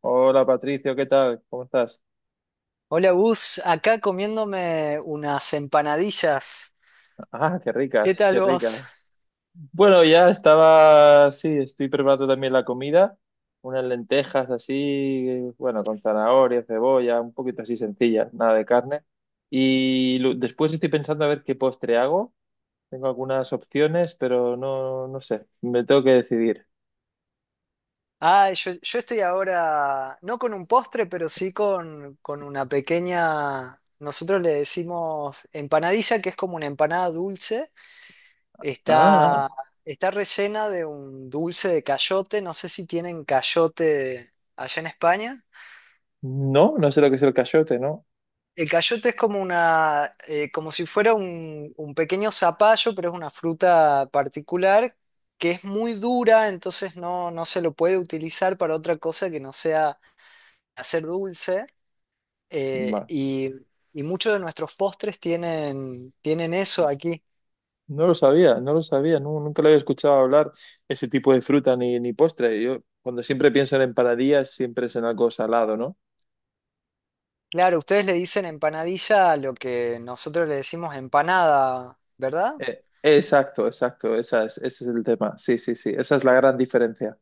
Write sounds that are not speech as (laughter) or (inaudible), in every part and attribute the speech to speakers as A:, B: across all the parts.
A: Hola Patricio, ¿qué tal? ¿Cómo estás?
B: Hola Gus, acá comiéndome unas empanadillas.
A: Ah, qué
B: ¿Qué
A: ricas,
B: tal
A: qué
B: vos?
A: ricas. Bueno, ya estaba, sí, estoy preparando también la comida, unas lentejas así, bueno, con zanahoria, cebolla, un poquito así sencilla, nada de carne. Y después estoy pensando a ver qué postre hago. Tengo algunas opciones, pero no sé, me tengo que decidir.
B: Ah, yo estoy ahora, no con un postre, pero sí con una pequeña, nosotros le decimos empanadilla, que es como una empanada dulce.
A: Ah,
B: Está, está rellena de un dulce de cayote, no sé si tienen cayote allá en España.
A: no, no sé lo que es el cachote, ¿no?
B: El cayote es como una, como si fuera un pequeño zapallo, pero es una fruta particular que es muy dura, entonces no, no se lo puede utilizar para otra cosa que no sea hacer dulce. eh, y, y muchos de nuestros postres tienen eso aquí.
A: No lo sabía, no lo sabía, nunca le había escuchado hablar ese tipo de fruta ni postre. Yo cuando siempre pienso en empanadillas, siempre es en algo salado, ¿no?
B: Claro, ustedes le dicen empanadilla a lo que nosotros le decimos empanada, ¿verdad?
A: Exacto, exacto, ese es el tema. Sí, sí, sí, esa es la gran diferencia.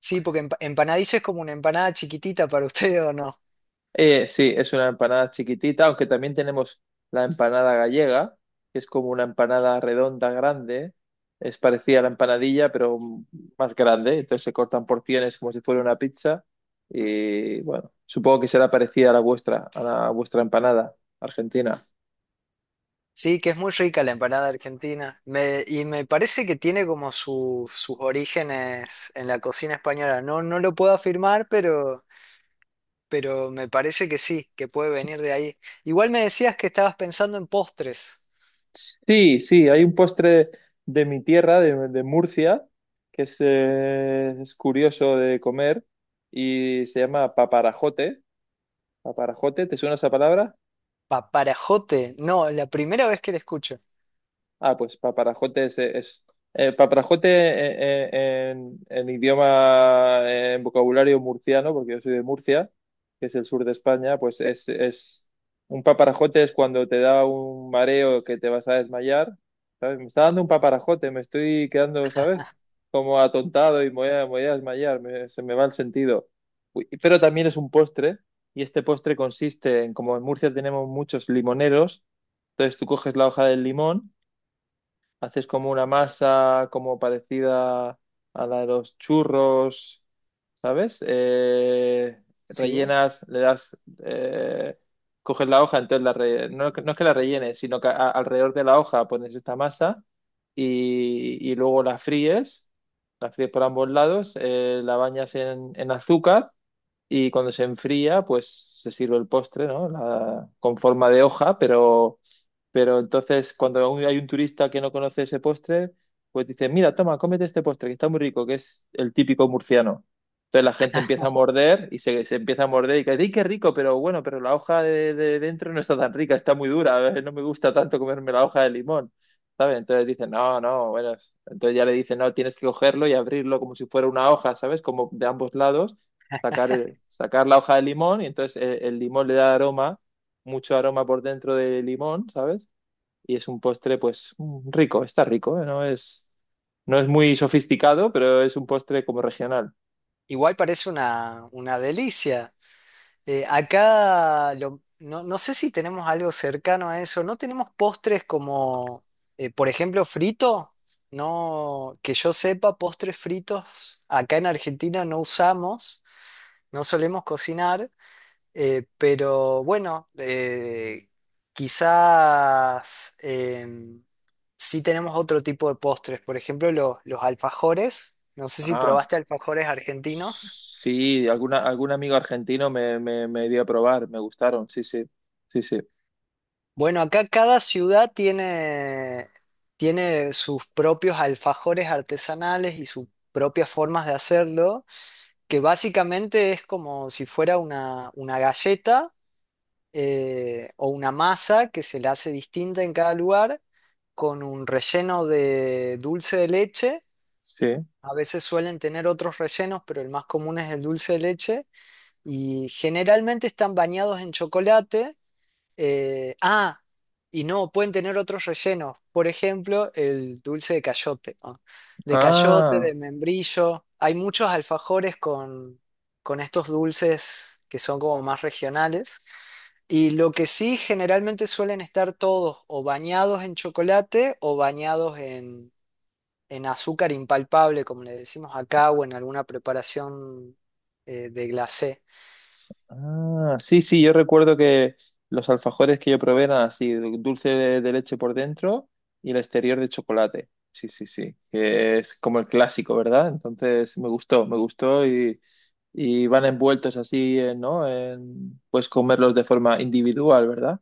B: Sí, porque empanadilla es como una empanada chiquitita para (laughs) ustedes, ¿o no?
A: Sí, es una empanada chiquitita, aunque también tenemos la empanada gallega, que es como una empanada redonda grande, es parecida a la empanadilla, pero más grande, entonces se cortan porciones como si fuera una pizza y bueno, supongo que será parecida a la vuestra empanada argentina.
B: Sí, que es muy rica la empanada argentina. Y me parece que tiene como sus orígenes en la cocina española. No, no lo puedo afirmar, pero me parece que sí, que puede venir de ahí. Igual me decías que estabas pensando en postres.
A: Sí, sí, hay un postre de mi tierra, de Murcia, que es curioso de comer y se llama paparajote. ¿Paparajote? ¿Te suena esa palabra?
B: Paparajote. No, la primera vez que la escucho.
A: Ah, pues paparajote paparajote en idioma, en vocabulario murciano, porque yo soy de Murcia, que es el sur de España, pues es un paparajote es cuando te da un mareo que te vas a desmayar, ¿sabes? Me está dando un paparajote, me estoy quedando, ¿sabes? Como atontado y me voy a desmayar, se me va el sentido. Uy, pero también es un postre, y este postre consiste en, como en Murcia tenemos muchos limoneros, entonces tú coges la hoja del limón, haces como una masa como parecida a la de los churros, ¿sabes?
B: Sí.
A: Rellenas, eh, coges la hoja, entonces no, no es que la rellenes, sino que alrededor de la hoja pones esta masa y luego la fríes por ambos lados, la bañas en azúcar. Y cuando se enfría, pues se sirve el postre, ¿no? Con forma de hoja, pero entonces, cuando hay un turista que no conoce ese postre, pues dice, mira, toma, cómete este postre, que está muy rico, que es el típico murciano. Entonces la gente empieza a
B: (laughs)
A: morder y se empieza a morder y dice ¡ay, qué rico! Pero bueno, pero la hoja de dentro no está tan rica, está muy dura, no me gusta tanto comerme la hoja de limón, ¿sabes? Entonces dicen, no, no, bueno, entonces ya le dicen, no, tienes que cogerlo y abrirlo como si fuera una hoja, ¿sabes? Como de ambos lados, sacar la hoja de limón y entonces el limón le da aroma, mucho aroma por dentro del limón, ¿sabes? Y es un postre pues rico, está rico, ¿eh? No es muy sofisticado, pero es un postre como regional.
B: Igual parece una delicia. No, no sé si tenemos algo cercano a eso. No tenemos postres como, por ejemplo, frito. No, que yo sepa, postres fritos acá en Argentina no usamos, no solemos cocinar, pero bueno, quizás sí tenemos otro tipo de postres. Por ejemplo, los alfajores. No sé si
A: Ah,
B: probaste alfajores argentinos.
A: sí, alguna, algún amigo argentino me dio a probar, me gustaron, sí, sí, sí, sí,
B: Bueno, acá cada ciudad tiene sus propios alfajores artesanales y sus propias formas de hacerlo, que básicamente es como si fuera una galleta o una masa que se le hace distinta en cada lugar, con un relleno de dulce de leche.
A: sí.
B: A veces suelen tener otros rellenos, pero el más común es el dulce de leche. Y generalmente están bañados en chocolate. Eh, ah, y no, pueden tener otros rellenos. Por ejemplo, el dulce de cayote, ¿no? De cayote,
A: Ah.
B: de membrillo. Hay muchos alfajores con estos dulces que son como más regionales. Y lo que sí, generalmente suelen estar todos o bañados en chocolate o bañados en azúcar impalpable, como le decimos acá, o en alguna preparación de glacé.
A: Ah, sí, sí, yo recuerdo que los alfajores que yo probé eran así, dulce de leche por dentro y el exterior de chocolate. Sí, sí, sí, que es como el clásico, ¿verdad? Entonces me gustó y van envueltos así, ¿no? Puedes comerlos de forma individual, ¿verdad?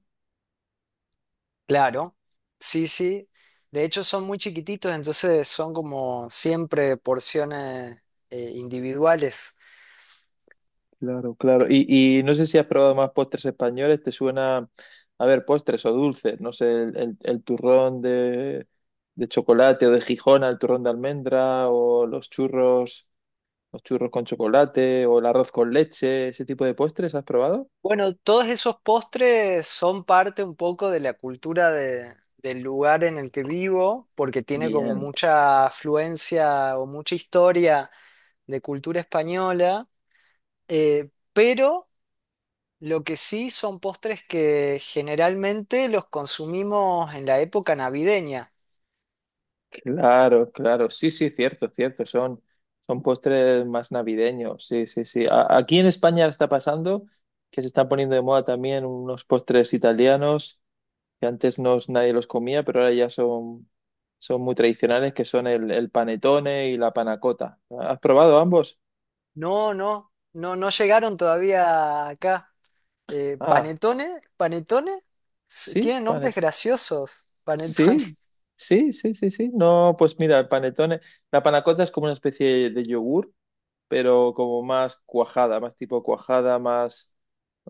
B: Claro, sí, sí. De hecho son muy chiquititos, entonces son como siempre porciones individuales.
A: Claro, claro. Y no sé si has probado más postres españoles, te suena, a ver, postres o dulces, no sé, el turrón de chocolate o de Gijona, el turrón de almendra o los churros con chocolate o el arroz con leche, ese tipo de postres, ¿has probado?
B: Bueno, todos esos postres son parte un poco de la cultura del lugar en el que vivo, porque tiene como
A: Bien,
B: mucha afluencia o mucha historia de cultura española, pero lo que sí son postres que generalmente los consumimos en la época navideña.
A: claro, claro, sí, sí, cierto, cierto, son, son postres más navideños, sí, sí, sí. Aquí en España está pasando que se están poniendo de moda también unos postres italianos que antes no, nadie los comía, pero ahora ya son, son muy tradicionales, que son el panetone y la panacota. ¿Has probado ambos?
B: No, no, no, no llegaron todavía acá. Eh,
A: Ah,
B: panetone, panetone,
A: sí,
B: tienen nombres graciosos, panetone.
A: sí,
B: (laughs)
A: sí, sí, sí, sí. No, pues mira, el panetone, la panacota es como una especie de yogur, pero como más cuajada, más tipo cuajada, más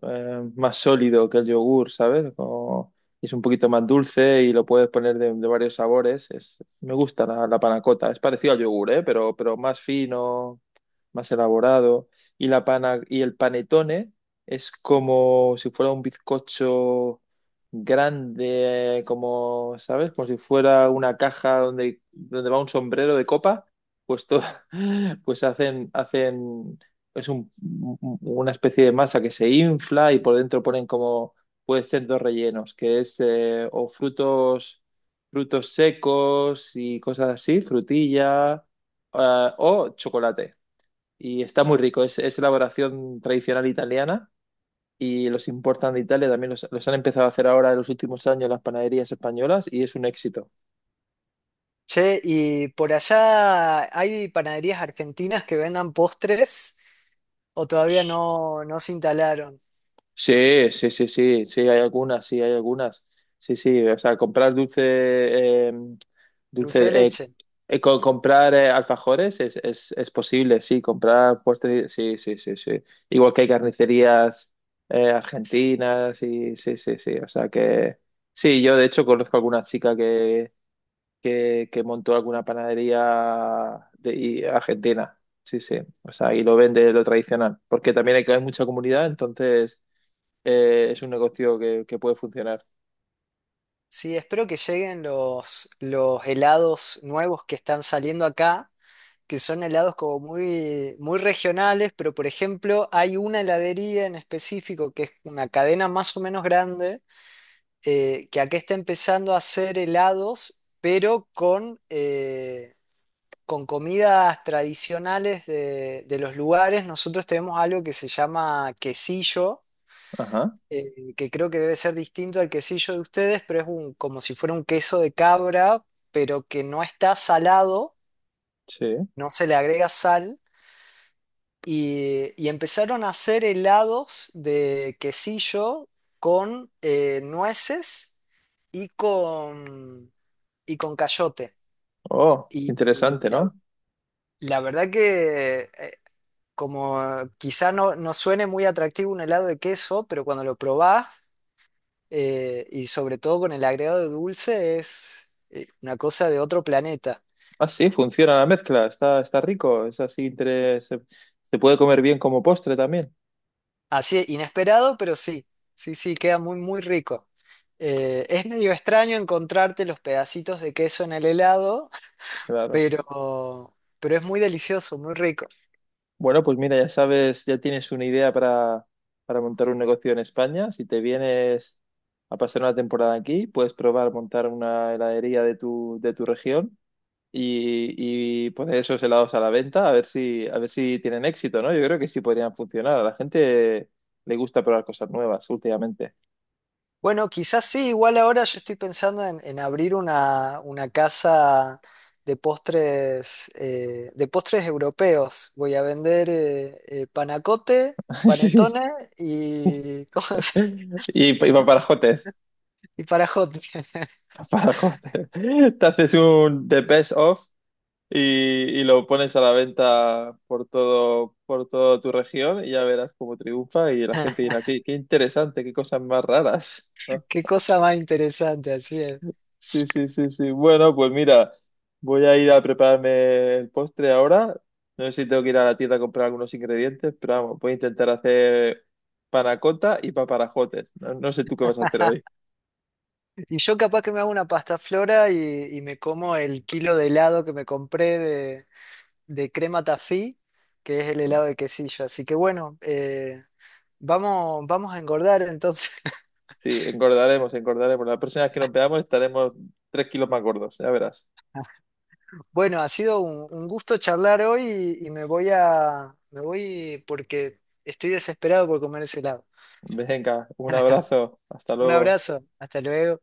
A: más sólido que el yogur, ¿sabes? Es un poquito más dulce y lo puedes poner de varios sabores. Es, me gusta la panna cotta. Es parecido al yogur, ¿eh? Pero más fino, más elaborado. Y, la pana, y el panetone es como si fuera un bizcocho grande, como, ¿sabes? Como si fuera una caja donde va un sombrero de copa. Pues, to- (laughs) pues hacen, hacen es un- una especie de masa que se infla y por dentro ponen como, puede ser dos rellenos, que es o frutos, frutos secos y cosas así, frutilla, ah, o chocolate. Y está muy rico, es elaboración tradicional italiana y los importan de Italia, también los han empezado a hacer ahora en los últimos años las panaderías españolas y es un éxito.
B: Che, y por allá hay panaderías argentinas que vendan postres o todavía no, no se instalaron.
A: Sí, sí, sí, sí, sí, hay algunas, sí, hay algunas. Sí, sí, o sea, comprar dulce, eh,
B: Dulce de
A: dulce,
B: leche.
A: comprar alfajores es posible, sí, comprar postres, sí, sí, sí, sí. Igual que hay carnicerías argentinas, y, sí, sí, sí, o sea que sí, yo de hecho conozco alguna chica que montó alguna panadería argentina, sí, sí, o sea, y lo vende lo tradicional, porque también hay mucha comunidad, entonces es un negocio que puede funcionar.
B: Sí, espero que lleguen los helados nuevos que están saliendo acá. Que son helados como muy, muy regionales, pero por ejemplo hay una heladería en específico que es una cadena más o menos grande, que acá está empezando a hacer helados, pero con comidas tradicionales de los lugares. Nosotros tenemos algo que se llama quesillo.
A: Ajá,
B: Que creo que debe ser distinto al quesillo de ustedes, pero es un, como si fuera un queso de cabra, pero que no está salado,
A: sí.
B: no se le agrega sal, y empezaron a hacer helados de quesillo con nueces y con, y con cayote.
A: Oh,
B: Y y
A: interesante,
B: la,
A: ¿no?
B: la verdad que como quizá no, no suene muy atractivo un helado de queso, pero cuando lo probás y sobre todo con el agregado de dulce es una cosa de otro planeta.
A: Ah, sí, funciona la mezcla, está, está rico, es así, se puede comer bien como postre también,
B: Así, inesperado, pero sí, sí, sí, queda muy, muy rico. Es medio extraño encontrarte los pedacitos de queso en el helado, (laughs)
A: claro.
B: pero, pero es muy delicioso, muy rico.
A: Bueno, pues mira, ya sabes, ya tienes una idea para montar un negocio en España. Si te vienes a pasar una temporada aquí, puedes probar montar una heladería de tu región. Y, y poner esos helados a la venta a ver si tienen éxito, ¿no? Yo creo que sí podrían funcionar. A la gente le gusta probar cosas nuevas últimamente.
B: Bueno, quizás sí, igual ahora yo estoy pensando en abrir una casa de postres europeos. Voy a vender panacote,
A: (laughs)
B: panetone y, (laughs)
A: Sí. Y paparajotes.
B: y parajote.
A: Paparajotes. (laughs) Te haces un The Best Of y, y lo pones a la venta por todo, por toda tu región y ya verás cómo triunfa y la gente
B: (laughs)
A: dirá, qué, qué interesante, qué cosas más raras. ¿No?
B: Qué cosa más interesante, así es.
A: Sí, sí, sí, sí. Bueno, pues mira, voy a ir a prepararme el postre ahora. No sé si tengo que ir a la tienda a comprar algunos ingredientes, pero vamos, voy a intentar hacer panacota y paparajotes. No, no sé tú qué vas a hacer hoy.
B: Y yo capaz que me hago una pasta flora y me como el kilo de helado que me compré de crema tafí, que es el helado de quesillo. Así que bueno, vamos, vamos a engordar entonces. (laughs)
A: Sí, engordaremos, engordaremos. La próxima vez que nos veamos estaremos 3 kilos más gordos, ya verás.
B: Bueno, ha sido un gusto charlar hoy y me voy me voy porque estoy desesperado por comer ese helado.
A: Venga, un abrazo, hasta
B: Un
A: luego.
B: abrazo, hasta luego.